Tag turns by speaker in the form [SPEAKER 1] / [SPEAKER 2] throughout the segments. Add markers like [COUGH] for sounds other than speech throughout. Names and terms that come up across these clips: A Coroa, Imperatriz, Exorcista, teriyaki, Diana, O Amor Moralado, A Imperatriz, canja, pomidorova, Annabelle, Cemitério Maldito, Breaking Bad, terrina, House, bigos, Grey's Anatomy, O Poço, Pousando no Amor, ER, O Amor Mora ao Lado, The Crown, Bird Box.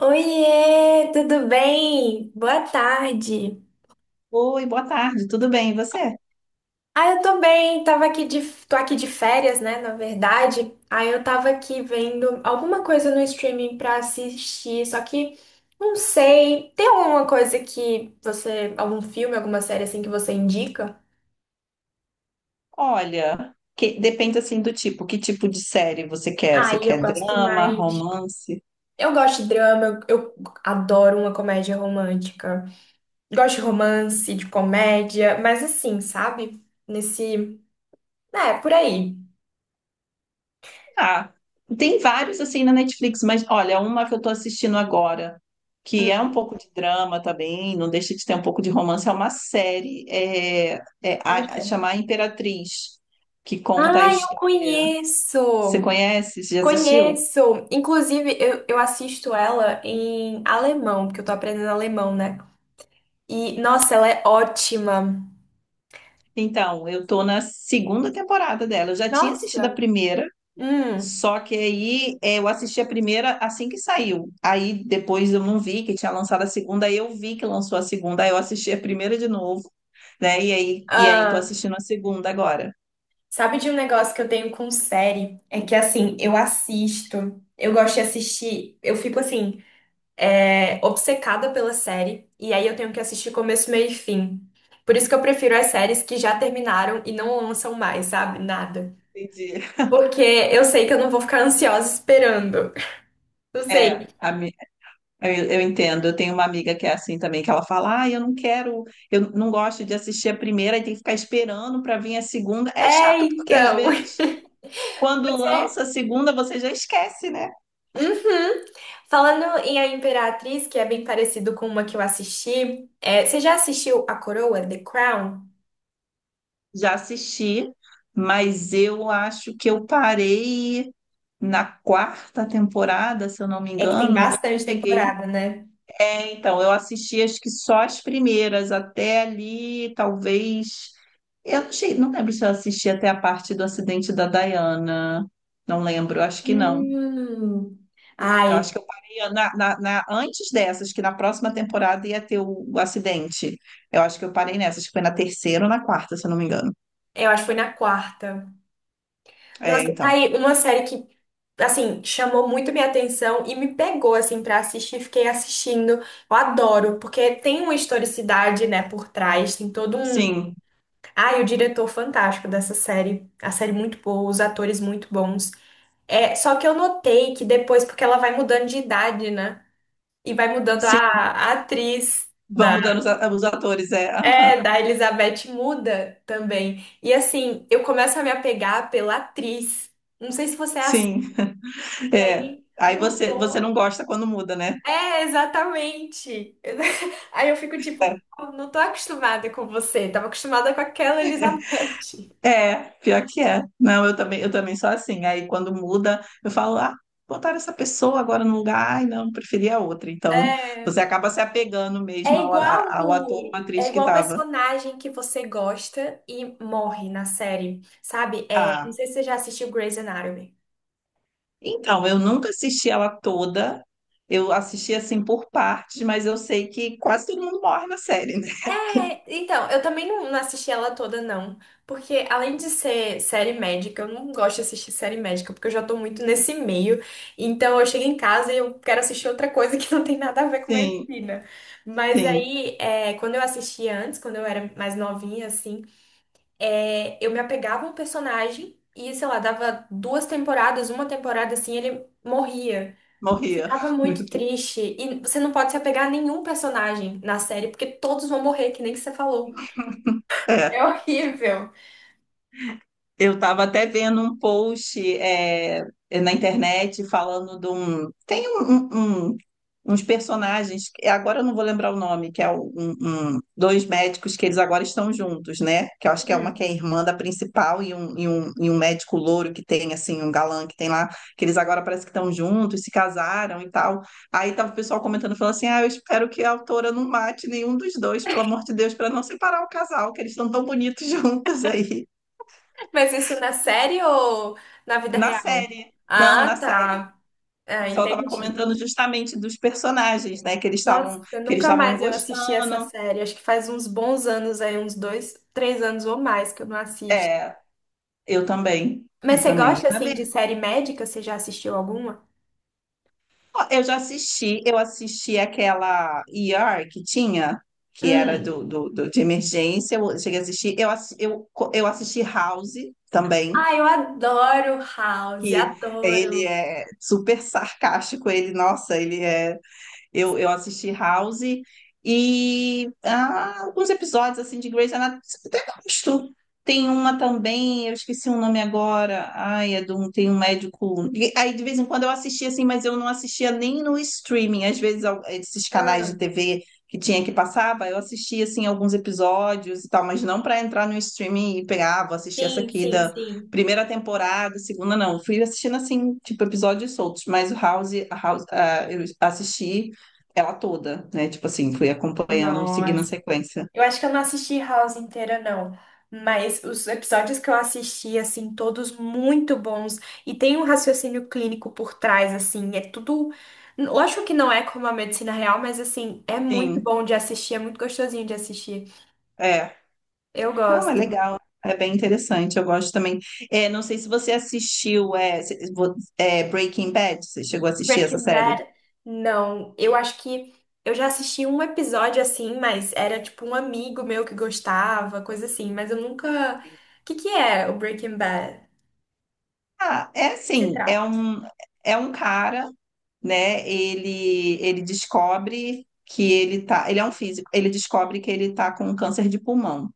[SPEAKER 1] Oiê, tudo bem? Boa tarde.
[SPEAKER 2] Oi, boa tarde, tudo bem? E você?
[SPEAKER 1] Ah, eu tô bem, tava aqui de, tô aqui de férias, né, na verdade. Aí eu tava aqui vendo alguma coisa no streaming pra assistir, só que não sei. Tem alguma coisa que você, algum filme, alguma série assim que você indica?
[SPEAKER 2] Olha, depende assim do tipo, que tipo de série você quer? Você
[SPEAKER 1] Aí eu
[SPEAKER 2] quer
[SPEAKER 1] gosto
[SPEAKER 2] drama,
[SPEAKER 1] mais.
[SPEAKER 2] romance?
[SPEAKER 1] Eu gosto de drama, eu adoro uma comédia romântica. Gosto de romance, de comédia, mas assim, sabe? Nesse, é, por aí.
[SPEAKER 2] Ah, tem vários assim na Netflix, mas olha, uma que eu tô assistindo agora, que é um pouco de drama também, não deixa de ter um pouco de romance, é uma série
[SPEAKER 1] Paulistana.
[SPEAKER 2] chamar Imperatriz, que conta a
[SPEAKER 1] Ah, eu
[SPEAKER 2] história. Você
[SPEAKER 1] conheço!
[SPEAKER 2] conhece? Você já assistiu?
[SPEAKER 1] Conheço! Inclusive, eu assisto ela em alemão, porque eu tô aprendendo alemão, né? E, nossa, ela é ótima!
[SPEAKER 2] Então, eu tô na segunda temporada dela. Eu já tinha assistido a
[SPEAKER 1] Nossa!
[SPEAKER 2] primeira.
[SPEAKER 1] Hum.
[SPEAKER 2] Só que aí eu assisti a primeira assim que saiu. Aí depois eu não vi que tinha lançado a segunda, aí eu vi que lançou a segunda, aí eu assisti a primeira de novo, né? E aí tô
[SPEAKER 1] Ah,
[SPEAKER 2] assistindo a segunda agora.
[SPEAKER 1] sabe de um negócio que eu tenho com série? É que, assim, eu assisto, eu gosto de assistir, eu fico, assim, obcecada pela série, e aí eu tenho que assistir começo, meio e fim. Por isso que eu prefiro as séries que já terminaram e não lançam mais, sabe? Nada.
[SPEAKER 2] Entendi.
[SPEAKER 1] Porque eu sei que eu não vou ficar ansiosa esperando. Não sei.
[SPEAKER 2] É, a mi- eu entendo. Eu tenho uma amiga que é assim também, que ela fala: ah, eu não quero, eu não gosto de assistir a primeira e tem que ficar esperando para vir a segunda. É
[SPEAKER 1] É,
[SPEAKER 2] chato, porque às
[SPEAKER 1] então.
[SPEAKER 2] vezes, quando
[SPEAKER 1] [LAUGHS]
[SPEAKER 2] lança a segunda, você já esquece, né?
[SPEAKER 1] Uhum. Falando em A Imperatriz, que é bem parecido com uma que eu assisti, você já assistiu A Coroa, The Crown?
[SPEAKER 2] Já assisti, mas eu acho que eu parei na quarta temporada, se eu não me
[SPEAKER 1] É que tem
[SPEAKER 2] engano, eu
[SPEAKER 1] bastante
[SPEAKER 2] cheguei.
[SPEAKER 1] temporada, né?
[SPEAKER 2] É, então, eu assisti acho que só as primeiras, até ali, talvez. Eu não, cheguei, não lembro se eu assisti até a parte do acidente da Diana. Não lembro, acho que não.
[SPEAKER 1] Hum.
[SPEAKER 2] Eu
[SPEAKER 1] Ai,
[SPEAKER 2] acho que eu parei na, antes dessas, que na próxima temporada ia ter o acidente. Eu acho que eu parei nessas, que foi na terceira ou na quarta, se eu não me engano.
[SPEAKER 1] eu acho que foi na quarta. Nossa,
[SPEAKER 2] É,
[SPEAKER 1] tá
[SPEAKER 2] então.
[SPEAKER 1] aí uma série que, assim, chamou muito minha atenção e me pegou, assim, pra assistir. Fiquei assistindo. Eu adoro, porque tem uma historicidade, né, por trás. Tem todo um.
[SPEAKER 2] Sim,
[SPEAKER 1] Ah, e o diretor fantástico dessa série. A série muito boa, os atores muito bons. É, só que eu notei que depois, porque ela vai mudando de idade, né? E vai mudando
[SPEAKER 2] sim.
[SPEAKER 1] a atriz
[SPEAKER 2] Vão
[SPEAKER 1] da,
[SPEAKER 2] mudando os atores, é. [LAUGHS] Ah,
[SPEAKER 1] é, da Elizabeth muda também. E assim, eu começo a me apegar pela atriz. Não sei se você é assim.
[SPEAKER 2] sim.
[SPEAKER 1] E
[SPEAKER 2] É.
[SPEAKER 1] aí
[SPEAKER 2] Aí você, você não
[SPEAKER 1] mudou.
[SPEAKER 2] gosta quando muda, né?
[SPEAKER 1] É, exatamente. [LAUGHS] Aí eu fico tipo,
[SPEAKER 2] É,
[SPEAKER 1] "Pô, não tô acostumada com você. Tava acostumada com aquela Elizabeth."
[SPEAKER 2] é, pior que é. Não, eu também sou assim. Aí quando muda, eu falo, ah, botaram essa pessoa agora no lugar, ai, não, preferia outra. Então, você
[SPEAKER 1] É.
[SPEAKER 2] acaba se apegando mesmo ao ator ou
[SPEAKER 1] É
[SPEAKER 2] atriz que
[SPEAKER 1] igual o
[SPEAKER 2] estava.
[SPEAKER 1] personagem que você gosta e morre na série, sabe? É, não
[SPEAKER 2] Ah,
[SPEAKER 1] sei se você já assistiu Grey's Anatomy.
[SPEAKER 2] então, eu nunca assisti ela toda. Eu assisti assim por partes, mas eu sei que quase todo mundo morre na série, né?
[SPEAKER 1] É, então, eu também não assisti ela toda, não. Porque além de ser série médica, eu não gosto de assistir série médica, porque eu já tô muito nesse meio. Então eu chego em casa e eu quero assistir outra coisa que não tem nada a ver com
[SPEAKER 2] Sim,
[SPEAKER 1] medicina. Mas
[SPEAKER 2] sim,
[SPEAKER 1] aí, quando eu assistia antes, quando eu era mais novinha, assim. É, eu me apegava a um personagem e, sei lá, dava duas temporadas, uma temporada assim, ele morria. Eu
[SPEAKER 2] morria.
[SPEAKER 1] ficava
[SPEAKER 2] [LAUGHS] Meu
[SPEAKER 1] muito
[SPEAKER 2] Deus.
[SPEAKER 1] triste. E você não pode se apegar a nenhum personagem na série, porque todos vão morrer, que nem que você falou. [LAUGHS] É
[SPEAKER 2] É.
[SPEAKER 1] horrível.
[SPEAKER 2] Eu estava até vendo um post na internet falando de um. Tem uns personagens, agora eu não vou lembrar o nome, que é dois médicos que eles agora estão juntos, né? Que eu acho que é uma que
[SPEAKER 1] Hum.
[SPEAKER 2] é irmã da principal e um, e um médico louro que tem, assim, um galã que tem lá, que eles agora parece que estão juntos, se casaram e tal. Aí tava o pessoal comentando, falando assim: ah, eu espero que a autora não mate nenhum dos dois, pelo amor de Deus, para não separar o casal, que eles estão tão bonitos [LAUGHS] juntos aí.
[SPEAKER 1] Mas isso na série ou na vida
[SPEAKER 2] Na
[SPEAKER 1] real?
[SPEAKER 2] série. Não,
[SPEAKER 1] Ah,
[SPEAKER 2] na série.
[SPEAKER 1] tá.
[SPEAKER 2] O
[SPEAKER 1] Ah,
[SPEAKER 2] pessoal estava
[SPEAKER 1] entendi.
[SPEAKER 2] comentando justamente dos personagens, né?
[SPEAKER 1] Nossa,
[SPEAKER 2] Que eles
[SPEAKER 1] nunca
[SPEAKER 2] estavam
[SPEAKER 1] mais eu assisti essa
[SPEAKER 2] gostando.
[SPEAKER 1] série. Acho que faz uns bons anos aí, uns dois, três anos ou mais que eu não assisto.
[SPEAKER 2] É, eu também.
[SPEAKER 1] Mas
[SPEAKER 2] Eu
[SPEAKER 1] você
[SPEAKER 2] também
[SPEAKER 1] gosta,
[SPEAKER 2] ia
[SPEAKER 1] assim, de
[SPEAKER 2] ver.
[SPEAKER 1] série médica? Você já assistiu alguma?
[SPEAKER 2] Ó, eu já assisti, eu assisti aquela ER que tinha, que era
[SPEAKER 1] Hum.
[SPEAKER 2] de emergência, eu cheguei a assistir. Eu assisti House também,
[SPEAKER 1] Ah, eu adoro House,
[SPEAKER 2] que ele
[SPEAKER 1] adoro.
[SPEAKER 2] é super sarcástico, ele, nossa, ele é. Eu assisti House e ah, alguns episódios assim de Grey's Anatomy, mas tem uma também, eu esqueci o nome agora. Ai, é de um, tem um médico. E aí de vez em quando eu assistia assim, mas eu não assistia nem no streaming. Às vezes esses canais de
[SPEAKER 1] Ah.
[SPEAKER 2] TV que tinha que passava, eu assistia assim alguns episódios e tal, mas não para entrar no streaming e pegar, ah, vou assistir essa
[SPEAKER 1] Sim,
[SPEAKER 2] aqui
[SPEAKER 1] sim,
[SPEAKER 2] da
[SPEAKER 1] sim.
[SPEAKER 2] primeira temporada, segunda não. Eu fui assistindo assim, tipo episódios soltos, mas o House, a House, ah, eu assisti ela toda, né? Tipo assim, fui acompanhando, seguindo a
[SPEAKER 1] Nossa,
[SPEAKER 2] sequência.
[SPEAKER 1] eu acho que eu não assisti House inteira, não. Mas os episódios que eu assisti, assim, todos muito bons. E tem um raciocínio clínico por trás, assim. É tudo. Eu acho que não é como a medicina real, mas, assim, é muito
[SPEAKER 2] Sim.
[SPEAKER 1] bom de assistir, é muito gostosinho de assistir.
[SPEAKER 2] É.
[SPEAKER 1] Eu
[SPEAKER 2] Não, é
[SPEAKER 1] gosto.
[SPEAKER 2] legal. É bem interessante, eu gosto também. É, não sei se você assistiu Breaking Bad, você chegou a assistir essa
[SPEAKER 1] Breaking
[SPEAKER 2] série?
[SPEAKER 1] Bad, não. Eu acho que eu já assisti um episódio assim, mas era tipo um amigo meu que gostava, coisa assim, mas eu nunca. O que que é o Breaking Bad?
[SPEAKER 2] Ah, é
[SPEAKER 1] Se
[SPEAKER 2] assim, é
[SPEAKER 1] trata.
[SPEAKER 2] um, é um cara, né? Ele descobre que ele tá, ele é um físico, ele descobre que ele tá com câncer de pulmão.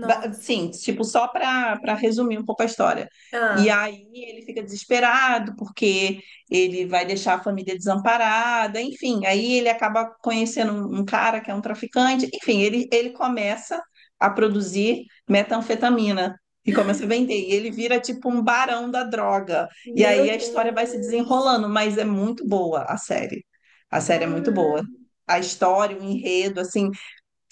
[SPEAKER 1] Nossa.
[SPEAKER 2] Sim, tipo, só para resumir um pouco a história. E
[SPEAKER 1] Ah,
[SPEAKER 2] aí ele fica desesperado porque ele vai deixar a família desamparada, enfim. Aí ele acaba conhecendo um cara que é um traficante, enfim, ele começa a produzir metanfetamina e começa a vender. E ele vira tipo um barão da droga. E aí
[SPEAKER 1] meu
[SPEAKER 2] a história vai se
[SPEAKER 1] Deus.
[SPEAKER 2] desenrolando, mas é muito boa a série. A série é muito boa.
[SPEAKER 1] Ah.
[SPEAKER 2] A história, o enredo, assim.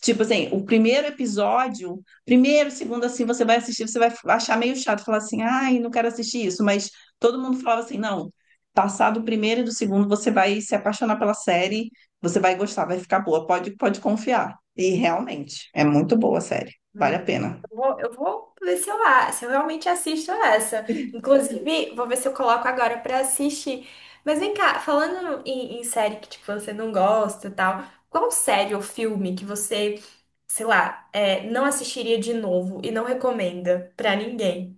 [SPEAKER 2] Tipo assim, o primeiro episódio, primeiro, segundo, assim, você vai assistir, você vai achar meio chato, falar assim, ai, não quero assistir isso, mas todo mundo falava assim, não, passado o primeiro e do segundo, você vai se apaixonar pela série, você vai gostar, vai ficar boa, pode, pode confiar. E realmente, é muito boa a série, vale
[SPEAKER 1] Hum.
[SPEAKER 2] a pena.
[SPEAKER 1] Eu vou ver se eu, a- se eu realmente assisto essa. Inclusive, vou ver se eu coloco agora pra assistir. Mas vem cá, falando em, em série que tipo, você não gosta e tal, qual série ou filme que você, sei lá, não assistiria de novo e não recomenda pra ninguém?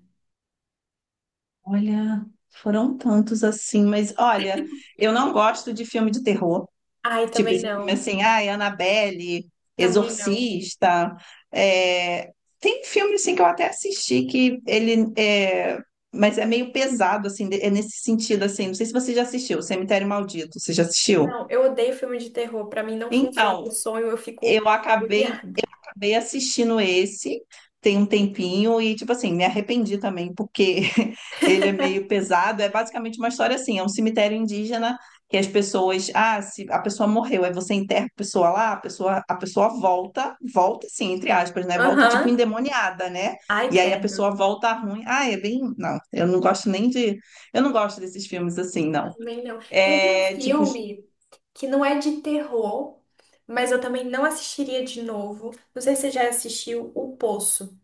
[SPEAKER 2] Olha, foram tantos assim, mas olha, eu não gosto de filme de terror.
[SPEAKER 1] Ai,
[SPEAKER 2] Tipo,
[SPEAKER 1] também
[SPEAKER 2] esse filme
[SPEAKER 1] não.
[SPEAKER 2] assim, ai, Annabelle,
[SPEAKER 1] Também não.
[SPEAKER 2] Exorcista. é, Tem filme assim que eu até assisti que ele é... Mas é meio pesado, assim, é nesse sentido, assim. Não sei se você já assistiu, Cemitério Maldito, você já assistiu?
[SPEAKER 1] Não, eu odeio filme de terror. Pra mim não funciona o
[SPEAKER 2] Então,
[SPEAKER 1] sonho, eu fico
[SPEAKER 2] eu acabei
[SPEAKER 1] agoniada.
[SPEAKER 2] acabei assistindo esse tem um tempinho e, tipo assim, me arrependi também, porque [LAUGHS] ele é meio
[SPEAKER 1] [LAUGHS]
[SPEAKER 2] pesado. É basicamente uma história assim: é um cemitério indígena que as pessoas. Ah, se a pessoa morreu, aí você enterra a pessoa lá, a pessoa volta, volta assim, entre aspas, né? Volta tipo
[SPEAKER 1] Aham.
[SPEAKER 2] endemoniada, né?
[SPEAKER 1] Ai,
[SPEAKER 2] E aí a
[SPEAKER 1] credo.
[SPEAKER 2] pessoa volta ruim. Ah, é bem. Não, eu não gosto nem de. Eu não gosto desses filmes assim, não.
[SPEAKER 1] Também não. Teve um
[SPEAKER 2] É tipo.
[SPEAKER 1] filme que não é de terror, mas eu também não assistiria de novo. Não sei se você já assistiu O Poço.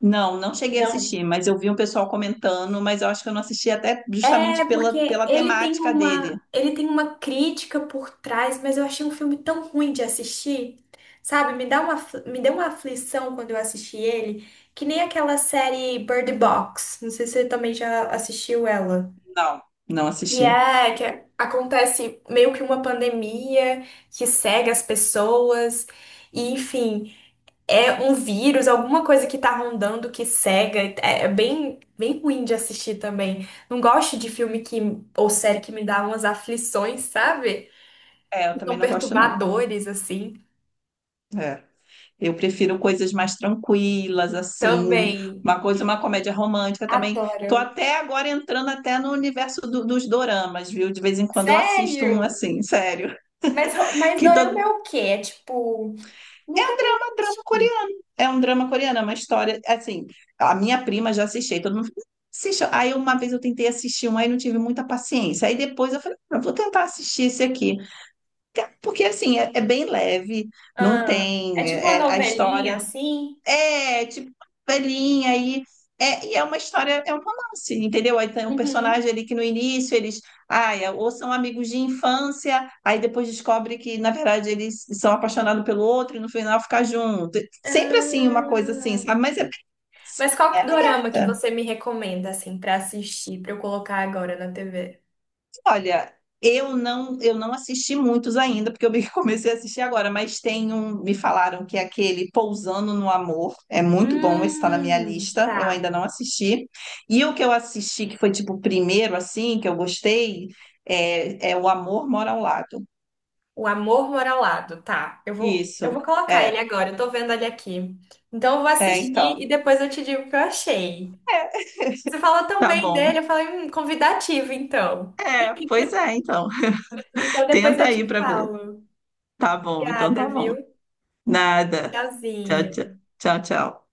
[SPEAKER 2] Não, não cheguei a
[SPEAKER 1] Não.
[SPEAKER 2] assistir, mas eu vi um pessoal comentando, mas eu acho que eu não assisti até justamente
[SPEAKER 1] É
[SPEAKER 2] pela,
[SPEAKER 1] porque
[SPEAKER 2] pela temática dele.
[SPEAKER 1] ele tem uma crítica por trás, mas eu achei um filme tão ruim de assistir. Sabe, me dá uma, afli- me deu uma aflição quando eu assisti ele, que nem aquela série Bird Box. Não sei se você também já assistiu ela.
[SPEAKER 2] Não, não
[SPEAKER 1] E
[SPEAKER 2] assisti.
[SPEAKER 1] é que é, acontece meio que uma pandemia que cega as pessoas, e enfim, é um vírus, alguma coisa que tá rondando que cega. É é bem, bem ruim de assistir também. Não gosto de filme que, ou série que me dá umas aflições, sabe?
[SPEAKER 2] É, eu
[SPEAKER 1] Que
[SPEAKER 2] também
[SPEAKER 1] são
[SPEAKER 2] não gosto, não.
[SPEAKER 1] perturbadores, assim.
[SPEAKER 2] É. Eu prefiro coisas mais tranquilas, assim,
[SPEAKER 1] Também.
[SPEAKER 2] uma coisa, uma comédia romântica também.
[SPEAKER 1] Adoro.
[SPEAKER 2] Tô até agora entrando até no universo dos doramas, viu? De vez em quando eu assisto um
[SPEAKER 1] Sério?
[SPEAKER 2] assim, sério.
[SPEAKER 1] Mas, ro-
[SPEAKER 2] [LAUGHS]
[SPEAKER 1] mas
[SPEAKER 2] Que
[SPEAKER 1] dorama
[SPEAKER 2] todo
[SPEAKER 1] é o quê? É tipo. Nunca
[SPEAKER 2] um drama
[SPEAKER 1] assisti.
[SPEAKER 2] coreano. É um drama coreano, é uma história. Assim, a minha prima já assistiu, todo mundo assistiu. Aí uma vez eu tentei assistir um, aí não tive muita paciência. Aí depois eu falei, "Ah, vou tentar assistir esse aqui. Porque assim, é, é bem leve, não
[SPEAKER 1] Ah, é
[SPEAKER 2] tem.
[SPEAKER 1] tipo uma
[SPEAKER 2] A
[SPEAKER 1] novelinha
[SPEAKER 2] história
[SPEAKER 1] assim?
[SPEAKER 2] é, tipo, velhinha aí. É, e é uma história, é um romance, entendeu? Aí tem um
[SPEAKER 1] Uhum.
[SPEAKER 2] personagem ali que no início eles, ai, é, ou são amigos de infância, aí depois descobre que, na verdade, eles são apaixonados pelo outro e no final ficar junto. Sempre assim, uma coisa assim, sabe?
[SPEAKER 1] Ah.
[SPEAKER 2] Mas é,
[SPEAKER 1] Mas
[SPEAKER 2] é
[SPEAKER 1] qual
[SPEAKER 2] legal.
[SPEAKER 1] dorama que
[SPEAKER 2] É.
[SPEAKER 1] você me recomenda, assim, pra assistir, pra eu colocar agora na TV?
[SPEAKER 2] Olha, eu não assisti muitos ainda, porque [LAUGHS] comecei a assistir agora, mas tem um, me falaram que é aquele Pousando no Amor, é muito bom, esse está na minha lista,
[SPEAKER 1] Tá.
[SPEAKER 2] eu ainda não assisti. E o que eu assisti, que foi tipo o primeiro, assim, que eu gostei, é, é O Amor Mora ao Lado.
[SPEAKER 1] O Amor Moralado, tá. Eu vou
[SPEAKER 2] Isso,
[SPEAKER 1] colocar ele
[SPEAKER 2] é,
[SPEAKER 1] agora, eu tô vendo ele aqui. Então eu vou
[SPEAKER 2] é, então,
[SPEAKER 1] assistir e depois eu te digo o que eu achei.
[SPEAKER 2] é,
[SPEAKER 1] Você falou tão
[SPEAKER 2] tá
[SPEAKER 1] bem
[SPEAKER 2] bom.
[SPEAKER 1] dele, eu falei, convidativo, então.
[SPEAKER 2] É, pois é, então, [LAUGHS]
[SPEAKER 1] Então depois
[SPEAKER 2] tenta
[SPEAKER 1] eu
[SPEAKER 2] aí
[SPEAKER 1] te
[SPEAKER 2] pra ver.
[SPEAKER 1] falo.
[SPEAKER 2] Tá bom, então
[SPEAKER 1] Obrigada,
[SPEAKER 2] tá bom.
[SPEAKER 1] viu?
[SPEAKER 2] Nada. Tchau,
[SPEAKER 1] Tchauzinho.
[SPEAKER 2] tchau, tchau, tchau.